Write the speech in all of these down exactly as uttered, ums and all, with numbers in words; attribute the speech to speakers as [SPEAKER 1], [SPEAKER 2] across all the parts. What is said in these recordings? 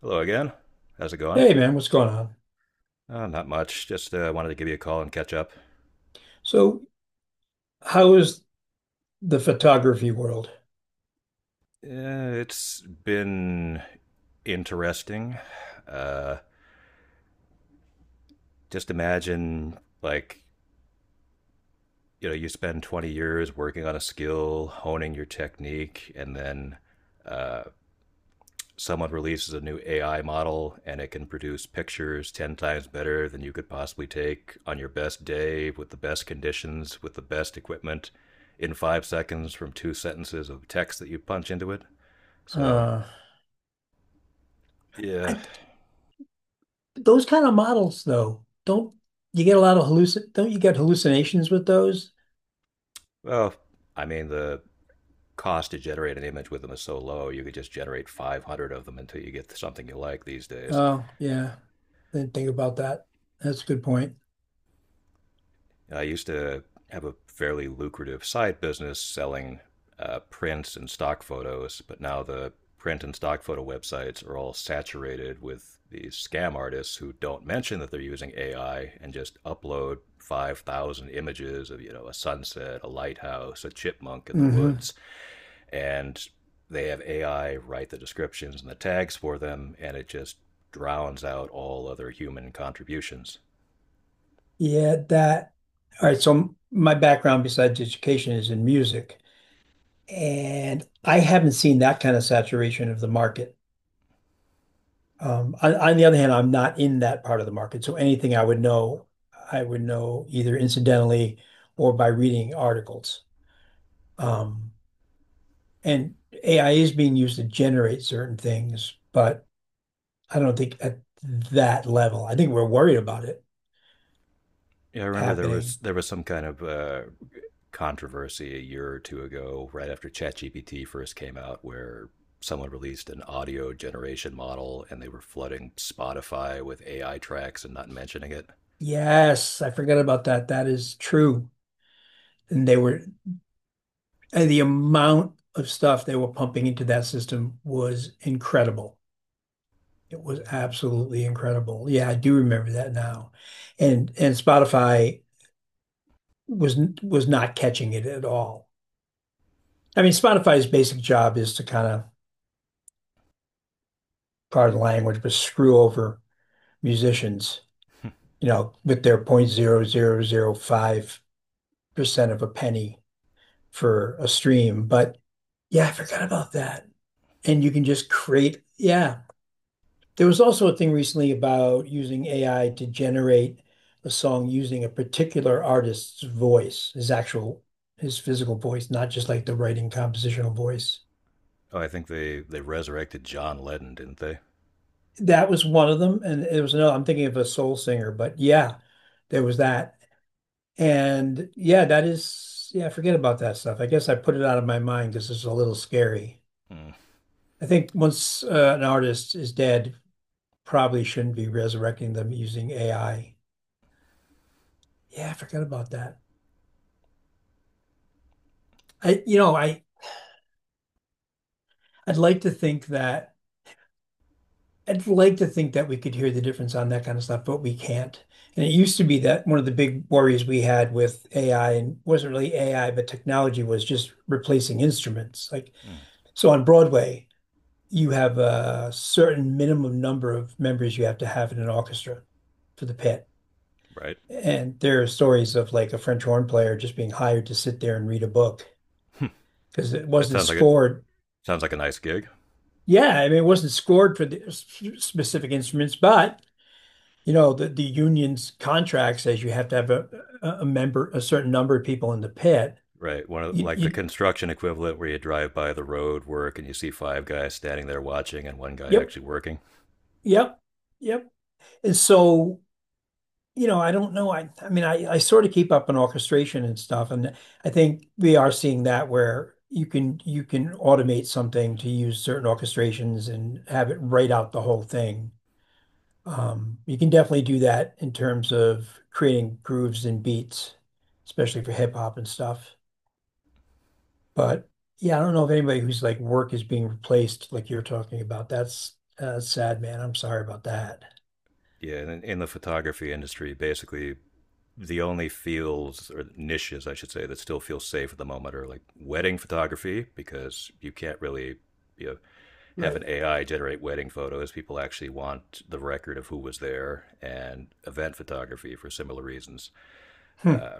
[SPEAKER 1] Hello again. How's it going?
[SPEAKER 2] Hey man, what's going on?
[SPEAKER 1] Uh, not much. Just uh, wanted to give you a call and catch up.
[SPEAKER 2] So, how is the photography world?
[SPEAKER 1] Uh, it's been interesting. Uh, just imagine, like, you know, you spend twenty years working on a skill, honing your technique, and then uh, someone releases a new A I model and it can produce pictures ten times better than you could possibly take on your best day with the best conditions, with the best equipment in five seconds from two sentences of text that you punch into it. So,
[SPEAKER 2] Uh,
[SPEAKER 1] yeah.
[SPEAKER 2] I those kind of models though, don't you get a lot of hallucin don't you get hallucinations with those?
[SPEAKER 1] Well, I mean, the cost to generate an image with them is so low, you could just generate five hundred of them until you get something you like these days.
[SPEAKER 2] Oh, yeah. Didn't think about that. That's a good point.
[SPEAKER 1] I used to have a fairly lucrative side business selling uh, prints and stock photos, but now the print and stock photo websites are all saturated with these scam artists who don't mention that they're using A I and just upload five thousand images of, you know, a sunset, a lighthouse, a chipmunk in the
[SPEAKER 2] Hmm.
[SPEAKER 1] woods, and they have A I write the descriptions and the tags for them, and it just drowns out all other human contributions.
[SPEAKER 2] Yeah, that. All right. So my background besides education is in music, and I haven't seen that kind of saturation of the market. Um, On on the other hand, I'm not in that part of the market, so anything I would know, I would know either incidentally or by reading articles. Um, And A I is being used to generate certain things, but I don't think at that level. I think we're worried about it
[SPEAKER 1] Yeah, I remember there
[SPEAKER 2] happening.
[SPEAKER 1] was there was some kind of uh, controversy a year or two ago, right after ChatGPT first came out, where someone released an audio generation model and they were flooding Spotify with A I tracks and not mentioning it.
[SPEAKER 2] Yes, I forgot about that. That is true. and They were And the amount of stuff they were pumping into that system was incredible. It was absolutely incredible. Yeah, I do remember that now. And and Spotify was was not catching it at all. I mean, Spotify's basic job is to kind of, pardon the language, but screw over musicians, you know, with their zero point zero zero zero five percent of a penny for a stream. But yeah, I forgot about that. And you can just create, yeah, there was also a thing recently about using A I to generate a song using a particular artist's voice, his actual, his physical voice, not just like the writing compositional voice.
[SPEAKER 1] Oh, I think they they resurrected John Lennon, didn't they?
[SPEAKER 2] That was one of them. And it was another, I'm thinking of a soul singer, but yeah, there was that. And yeah, that is, yeah, forget about that stuff. I guess I put it out of my mind because it's a little scary.
[SPEAKER 1] Mm,
[SPEAKER 2] I think once uh, an artist is dead, probably shouldn't be resurrecting them using A I. Yeah, I forgot about that. I, you know, I, I'd like to think that I'd like to think that we could hear the difference on that kind of stuff, but we can't. And it used to be that one of the big worries we had with A I and wasn't really A I, but technology was just replacing instruments. Like,
[SPEAKER 1] mm,
[SPEAKER 2] so on Broadway, you have a certain minimum number of members you have to have in an orchestra for the pit.
[SPEAKER 1] right.
[SPEAKER 2] And there are stories of like a French horn player just being hired to sit there and read a book because it
[SPEAKER 1] That
[SPEAKER 2] wasn't
[SPEAKER 1] sounds like it.
[SPEAKER 2] scored.
[SPEAKER 1] Sounds like a nice gig.
[SPEAKER 2] Yeah, I mean, it wasn't scored for the s- specific instruments, but you know, the, the union's contract says you have to have a, a a member, a certain number of people in the pit.
[SPEAKER 1] Right. One of
[SPEAKER 2] You,
[SPEAKER 1] like the
[SPEAKER 2] you,
[SPEAKER 1] construction equivalent where you drive by the road work and you see five guys standing there watching and one guy
[SPEAKER 2] yep,
[SPEAKER 1] actually working.
[SPEAKER 2] yep, yep. And so, you know, I don't know. I, I mean, I, I sort of keep up on orchestration and stuff, and I think we are seeing that where you can you can automate something to use certain orchestrations and have it write out the whole thing. Um, You can definitely do that in terms of creating grooves and beats, especially for hip hop and stuff. But yeah, I don't know if anybody whose like work is being replaced like you're talking about. That's uh, sad, man. I'm sorry about that.
[SPEAKER 1] Yeah, in, in the photography industry, basically the only fields or niches, I should say, that still feel safe at the moment are like wedding photography, because you can't really you know, have
[SPEAKER 2] Right.
[SPEAKER 1] an A I generate wedding photos. People actually want the record of who was there, and event photography for similar reasons.
[SPEAKER 2] Hmm.
[SPEAKER 1] Uh,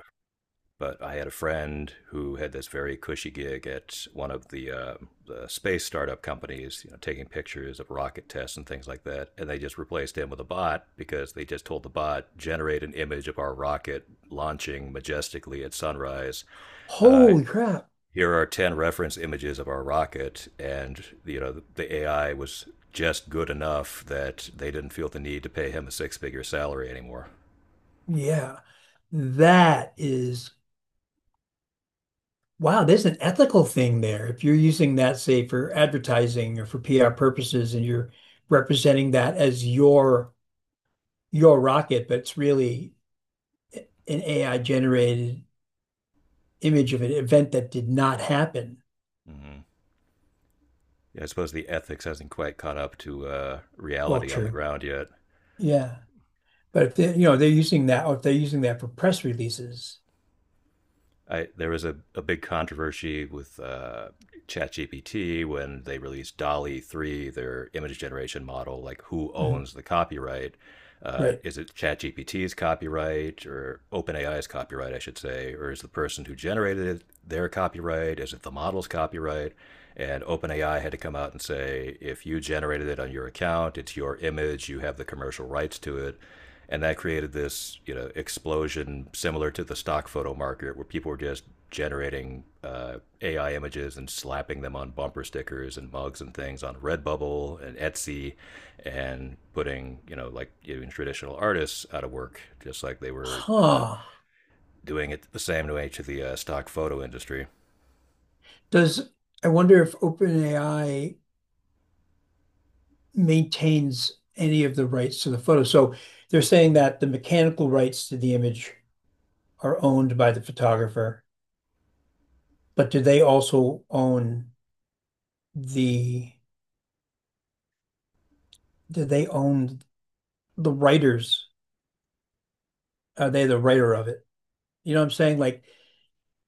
[SPEAKER 1] but I had a friend who had this very cushy gig at one of the, uh, the space startup companies, you know, taking pictures of rocket tests and things like that. And they just replaced him with a bot because they just told the bot generate an image of our rocket launching majestically at sunrise. Uh,
[SPEAKER 2] Holy crap.
[SPEAKER 1] Here are ten reference images of our rocket and you know the AI was just good enough that they didn't feel the need to pay him a six figure salary anymore.
[SPEAKER 2] Yeah. That is wow, there's an ethical thing there. If you're using that, say, for advertising or for P R purposes and you're representing that as your your rocket, but it's really an A I generated image of an event that did not happen.
[SPEAKER 1] Mm-hmm. Yeah, I suppose the ethics hasn't quite caught up to uh,
[SPEAKER 2] Well,
[SPEAKER 1] reality on the
[SPEAKER 2] true.
[SPEAKER 1] ground yet.
[SPEAKER 2] Yeah. But if they, you know, they're using that, or if they're using that for press releases,
[SPEAKER 1] I, there was a, a big controversy with uh, ChatGPT when they released DALI three, their image generation model. Like, who
[SPEAKER 2] mhm,
[SPEAKER 1] owns the copyright? Uh,
[SPEAKER 2] right?
[SPEAKER 1] is it ChatGPT's copyright or OpenAI's copyright, I should say? Or is the person who generated it their copyright? Is it the model's copyright? And OpenAI had to come out and say, if you generated it on your account, it's your image, you have the commercial rights to it. And that created this you know explosion similar to the stock photo market where people were just generating uh, A I images and slapping them on bumper stickers and mugs and things on Redbubble and Etsy, and putting you know like even traditional artists out of work, just like they were uh,
[SPEAKER 2] Huh.
[SPEAKER 1] doing it the same way to the uh, stock photo industry.
[SPEAKER 2] Does I wonder if open A I maintains any of the rights to the photo? So they're saying that the mechanical rights to the image are owned by the photographer, but do they also own the, do they own the writers? Are they the writer of it? You know what I'm saying? Like,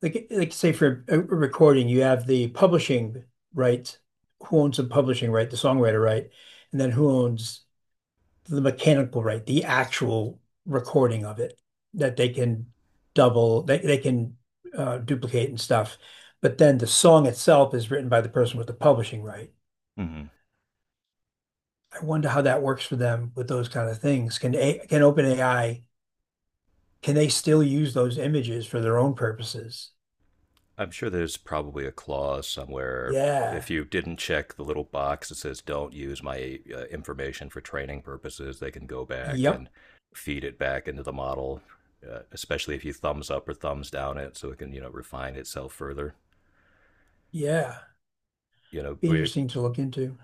[SPEAKER 2] like, like say for a recording, you have the publishing rights. Who owns the publishing right, the songwriter right, and then who owns the mechanical right, the actual recording of it that they can double, they, they can uh, duplicate and stuff. But then the song itself is written by the person with the publishing right.
[SPEAKER 1] Mm-hmm.
[SPEAKER 2] I wonder how that works for them with those kind of things. Can a can open A I can they still use those images for their own purposes?
[SPEAKER 1] I'm sure there's probably a clause somewhere.
[SPEAKER 2] Yeah.
[SPEAKER 1] If you didn't check the little box that says "Don't use my uh, information for training purposes," they can go back
[SPEAKER 2] Yep.
[SPEAKER 1] and feed it back into the model, uh, especially if you thumbs up or thumbs down it, so it can you know refine itself further.
[SPEAKER 2] Yeah.
[SPEAKER 1] You know,
[SPEAKER 2] Be
[SPEAKER 1] we
[SPEAKER 2] interesting to look into.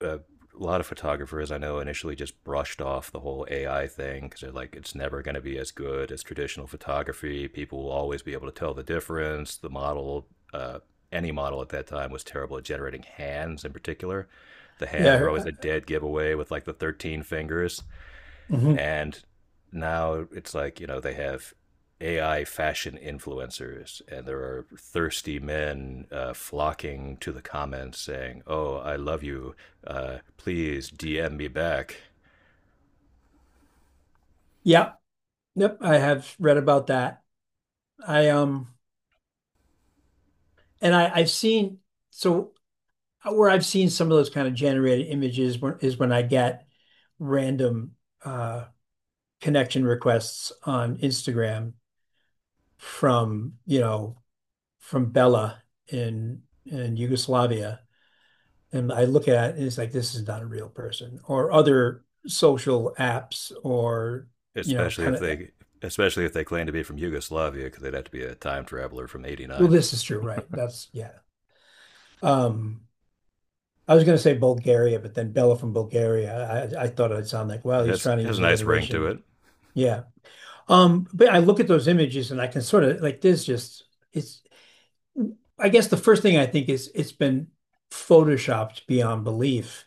[SPEAKER 1] a lot of photographers I know initially just brushed off the whole A I thing because they're like, it's never going to be as good as traditional photography. People will always be able to tell the difference. The model, uh, any model at that time, was terrible at generating hands in particular. The hands were always
[SPEAKER 2] Yeah,
[SPEAKER 1] a dead giveaway with like the thirteen fingers.
[SPEAKER 2] mhm.
[SPEAKER 1] And now it's like, you know, they have A I fashion influencers, and there are thirsty men uh, flocking to the comments saying, "Oh, I love you. Uh, please D M me back."
[SPEAKER 2] Yeah. Yep. I have read about that. I um and I I've seen so where I've seen some of those kind of generated images when, is when I get random uh connection requests on Instagram from, you know, from Bella in in Yugoslavia. And I look at it and it's like this is not a real person or other social apps or you know
[SPEAKER 1] Especially if
[SPEAKER 2] kind of.
[SPEAKER 1] they, especially if they claim to be from Yugoslavia, because they'd have to be a time traveler from
[SPEAKER 2] Well,
[SPEAKER 1] 'eighty-nine.
[SPEAKER 2] this is true, right? That's yeah. Um, I was going to say Bulgaria, but then Bella from Bulgaria. I, I thought I'd sound like, well,
[SPEAKER 1] It
[SPEAKER 2] he's
[SPEAKER 1] has
[SPEAKER 2] trying to
[SPEAKER 1] has
[SPEAKER 2] use
[SPEAKER 1] a nice ring to
[SPEAKER 2] alliteration.
[SPEAKER 1] it.
[SPEAKER 2] Yeah. Um, but I look at those images and I can sort of like there's just it's. I guess the first thing I think is it's been photoshopped beyond belief,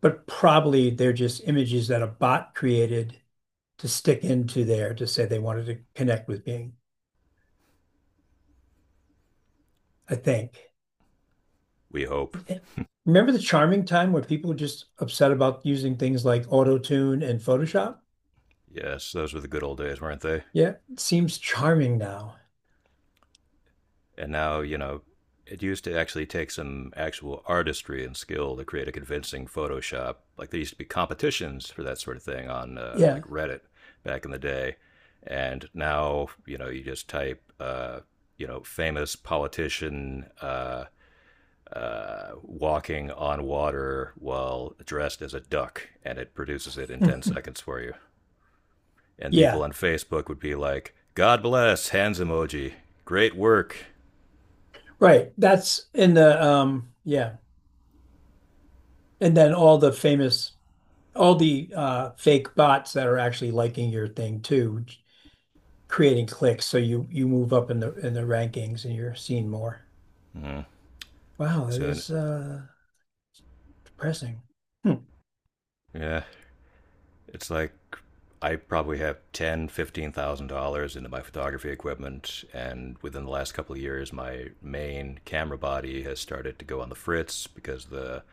[SPEAKER 2] but probably they're just images that a bot created to stick into there to say they wanted to connect with being. I think.
[SPEAKER 1] We hope.
[SPEAKER 2] Remember the charming time where people were just upset about using things like Auto-Tune and Photoshop?
[SPEAKER 1] Yes, those were the good old days, weren't they?
[SPEAKER 2] Yeah, it seems charming now.
[SPEAKER 1] And now, you know, it used to actually take some actual artistry and skill to create a convincing Photoshop. Like there used to be competitions for that sort of thing on uh, like
[SPEAKER 2] Yeah.
[SPEAKER 1] Reddit back in the day, and now you know you just type uh, you know famous politician uh, uh, walking on water while dressed as a duck, and it produces it in ten seconds for you. And people
[SPEAKER 2] Yeah,
[SPEAKER 1] on Facebook would be like, "God bless hands emoji, great work."
[SPEAKER 2] right. That's in the um yeah. And then all the famous all the uh fake bots that are actually liking your thing too, creating clicks so you you move up in the in the rankings and you're seen more.
[SPEAKER 1] Hmm.
[SPEAKER 2] Wow, that
[SPEAKER 1] Soon,
[SPEAKER 2] is uh depressing. Hmm.
[SPEAKER 1] yeah, it's like I probably have ten, thousand dollars, fifteen thousand dollars into my photography equipment, and within the last couple of years, my main camera body has started to go on the fritz because the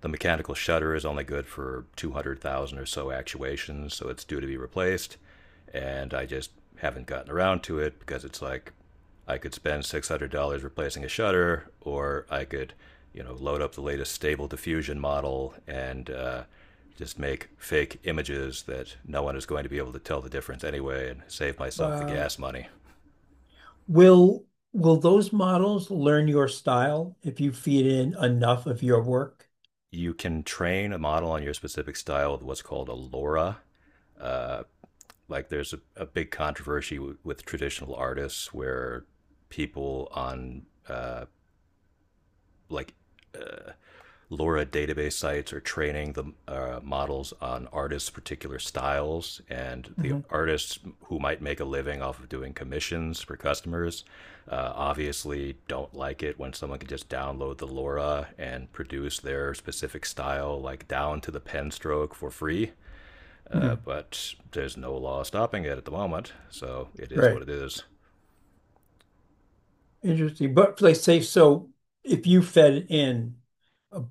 [SPEAKER 1] the mechanical shutter is only good for two hundred thousand or so actuations, so it's due to be replaced. And I just haven't gotten around to it because it's like I could spend six hundred dollars replacing a shutter, or I could, you know, load up the latest stable diffusion model and uh, just make fake images that no one is going to be able to tell the difference anyway and save myself the
[SPEAKER 2] Wow.
[SPEAKER 1] gas money.
[SPEAKER 2] Will will those models learn your style if you feed in enough of your work?
[SPEAKER 1] You can train a model on your specific style with what's called a LoRa. Uh, like there's a, a big controversy w- with traditional artists where people on uh, like LoRa database sites are training the uh, models on artists' particular styles, and the
[SPEAKER 2] Hmm.
[SPEAKER 1] artists who might make a living off of doing commissions for customers uh, obviously don't like it when someone can just download the LoRa and produce their specific style, like down to the pen stroke, for free. Uh, but there's no law stopping it at the moment, so it is what
[SPEAKER 2] Right.
[SPEAKER 1] it is.
[SPEAKER 2] Interesting. But like say so if you fed in a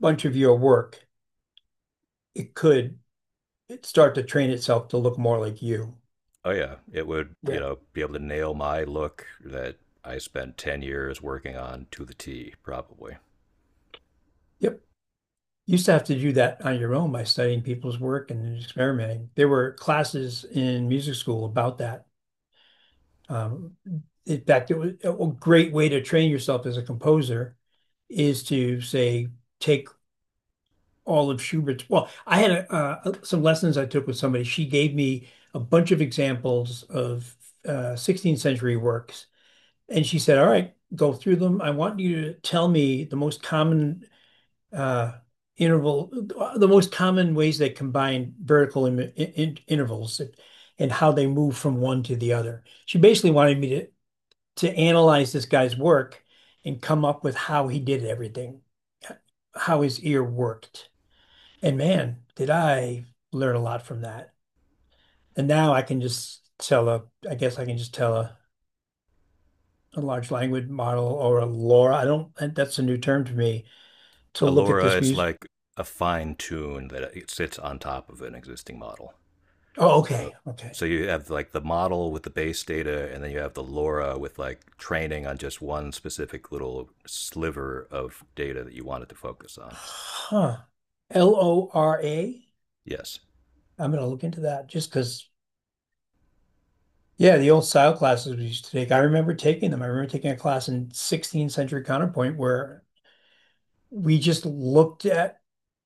[SPEAKER 2] bunch of your work, it could it start to train itself to look more like you.
[SPEAKER 1] Oh yeah, it would, you
[SPEAKER 2] Yeah.
[SPEAKER 1] know, be able to nail my look that I spent ten years working on to the T, probably.
[SPEAKER 2] Yep. You used to have to do that on your own by studying people's work and experimenting. There were classes in music school about that. Um, in fact, it was a great way to train yourself as a composer is to say take all of Schubert's. Well, I had a, uh, some lessons I took with somebody. She gave me a bunch of examples of uh, sixteenth century works, and she said, "All right, go through them. I want you to tell me the most common uh, interval, the most common ways they combine vertical in, in, in intervals." And how they move from one to the other. She basically wanted me to to analyze this guy's work and come up with how he did everything, how his ear worked. And man, did I learn a lot from that. And now I can just tell a, I guess I can just tell a, a large language model or a LoRA. I don't, that's a new term to me to look at this
[SPEAKER 1] Allura is
[SPEAKER 2] music.
[SPEAKER 1] like a fine tune that it sits on top of an existing model.
[SPEAKER 2] Oh,
[SPEAKER 1] So
[SPEAKER 2] okay. Okay.
[SPEAKER 1] so you have like the model with the base data and then you have the LoRa with like training on just one specific little sliver of data that you wanted to focus on.
[SPEAKER 2] Huh. L O R A.
[SPEAKER 1] Yes.
[SPEAKER 2] I'm going to look into that just because, yeah, the old style classes we used to take. I remember taking them. I remember taking a class in sixteenth century counterpoint where we just looked at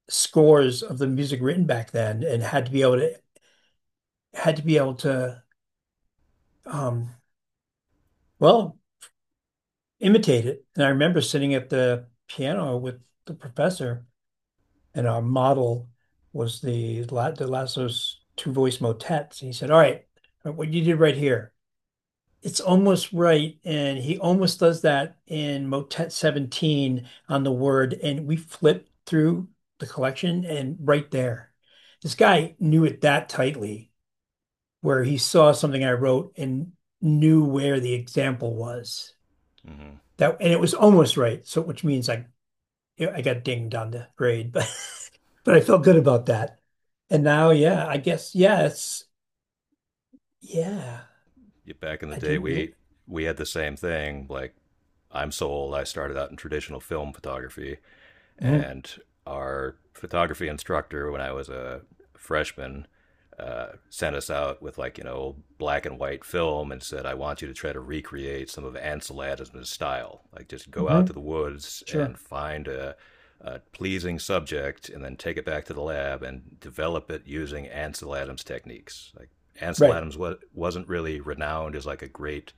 [SPEAKER 2] scores of the music written back then and had to be able to had to be able to um well imitate it. And I remember sitting at the piano with the professor and our model was the La- the Lasso's two voice motets. And he said, all right, what you did right here, it's almost right, and he almost does that in Motet seventeen on the word, and we flip through the collection and right there. This guy knew it that tightly, where he saw something I wrote and knew where the example was.
[SPEAKER 1] Mhm.
[SPEAKER 2] That and it was almost right, so which means I I got dinged on the grade, but but I felt good about that. And now, yeah, I guess, yeah, it's yeah.
[SPEAKER 1] Yeah, back in the
[SPEAKER 2] I
[SPEAKER 1] day
[SPEAKER 2] didn't really.
[SPEAKER 1] we we had the same thing like I'm sold. I started out in traditional film photography.
[SPEAKER 2] Mhm,
[SPEAKER 1] And our photography instructor, when I was a freshman, uh, sent us out with like you know black and white film and said, "I want you to try to recreate some of Ansel Adams' style. Like just go out to the
[SPEAKER 2] mhm,
[SPEAKER 1] woods and
[SPEAKER 2] sure,
[SPEAKER 1] find a, a pleasing subject, and then take it back to the lab and develop it using Ansel Adams techniques. Like Ansel
[SPEAKER 2] right.
[SPEAKER 1] Adams wasn't really renowned as like a great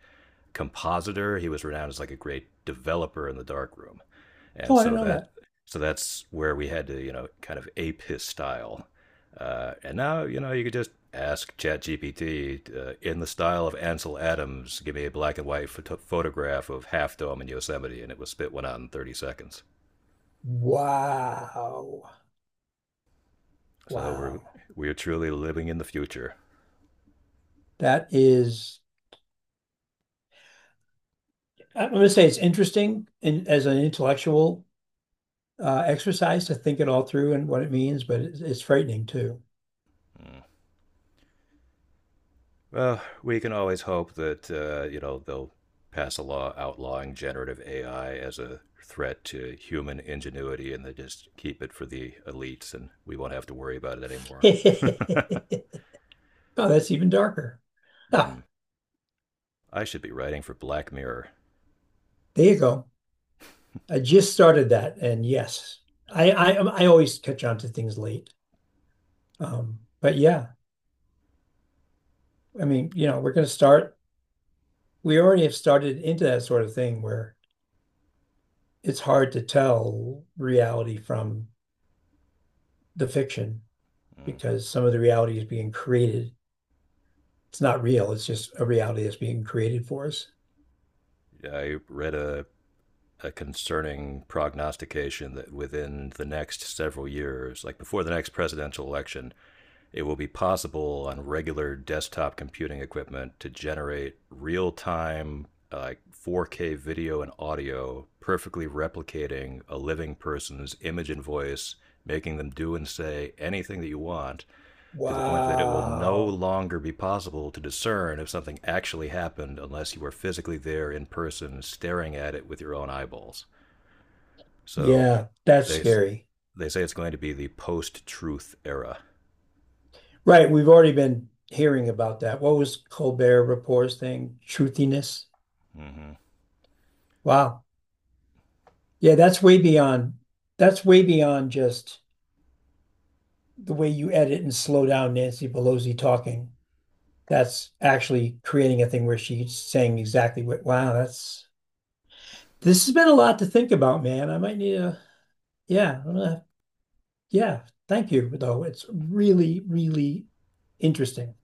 [SPEAKER 1] compositor. He was renowned as like a great developer in the darkroom, and
[SPEAKER 2] Oh, I didn't
[SPEAKER 1] so
[SPEAKER 2] know
[SPEAKER 1] that
[SPEAKER 2] that.
[SPEAKER 1] so that's where we had to you know kind of ape his style. Uh, and now you know you could just ask ChatGPT uh, in the style of Ansel Adams, give me a black and white photo- photograph of Half Dome in Yosemite, and it would spit one out in thirty seconds.
[SPEAKER 2] Wow.
[SPEAKER 1] So we're
[SPEAKER 2] Wow.
[SPEAKER 1] we're truly living in the future.
[SPEAKER 2] That is, I'm going to say it's interesting in, as an intellectual uh, exercise to think it all through and what it means, but it's, it's frightening too.
[SPEAKER 1] Well, we can always hope that uh, you know they'll pass a law outlawing generative A I as a threat to human ingenuity, and they just keep it for the elites, and we won't have to worry about it anymore.
[SPEAKER 2] Oh, that's even darker. Ah,
[SPEAKER 1] Mm. I should be writing for Black Mirror.
[SPEAKER 2] there you go. I just started that, and yes, I I, um, I always catch on to things late. Um, but yeah, I mean, you know, we're going to start. We already have started into that sort of thing where it's hard to tell reality from the fiction,
[SPEAKER 1] Mm.
[SPEAKER 2] because some of the reality is being created. It's not real, it's just a reality that's being created for us.
[SPEAKER 1] I read a a concerning prognostication that within the next several years, like before the next presidential election, it will be possible on regular desktop computing equipment to generate real time uh, four K video and audio, perfectly replicating a living person's image and voice, making them do and say anything that you want, to the point that it will no
[SPEAKER 2] Wow.
[SPEAKER 1] longer be possible to discern if something actually happened unless you were physically there in person, staring at it with your own eyeballs. So
[SPEAKER 2] Yeah, that's
[SPEAKER 1] they
[SPEAKER 2] scary.
[SPEAKER 1] they say it's going to be the post-truth era.
[SPEAKER 2] Right. We've already been hearing about that. What was Colbert Report's thing? Truthiness.
[SPEAKER 1] Mm-hmm.
[SPEAKER 2] Wow. Yeah, that's way beyond that's way beyond just the way you edit and slow down Nancy Pelosi talking. That's actually creating a thing where she's saying exactly what wow, that's this has been a lot to think about, man. I might need a yeah, I'm gonna have Yeah, thank you, though. It's really, really interesting.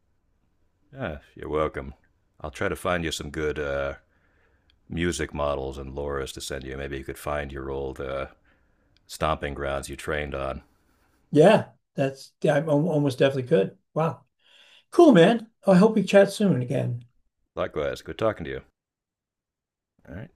[SPEAKER 1] Ah, you're welcome. I'll try to find you some good uh, music models and lures to send you. Maybe you could find your old uh, stomping grounds you trained on.
[SPEAKER 2] Yeah, that's, yeah, I almost definitely could. Wow. Cool, man. I hope we chat soon again.
[SPEAKER 1] Likewise, good talking to you. All right.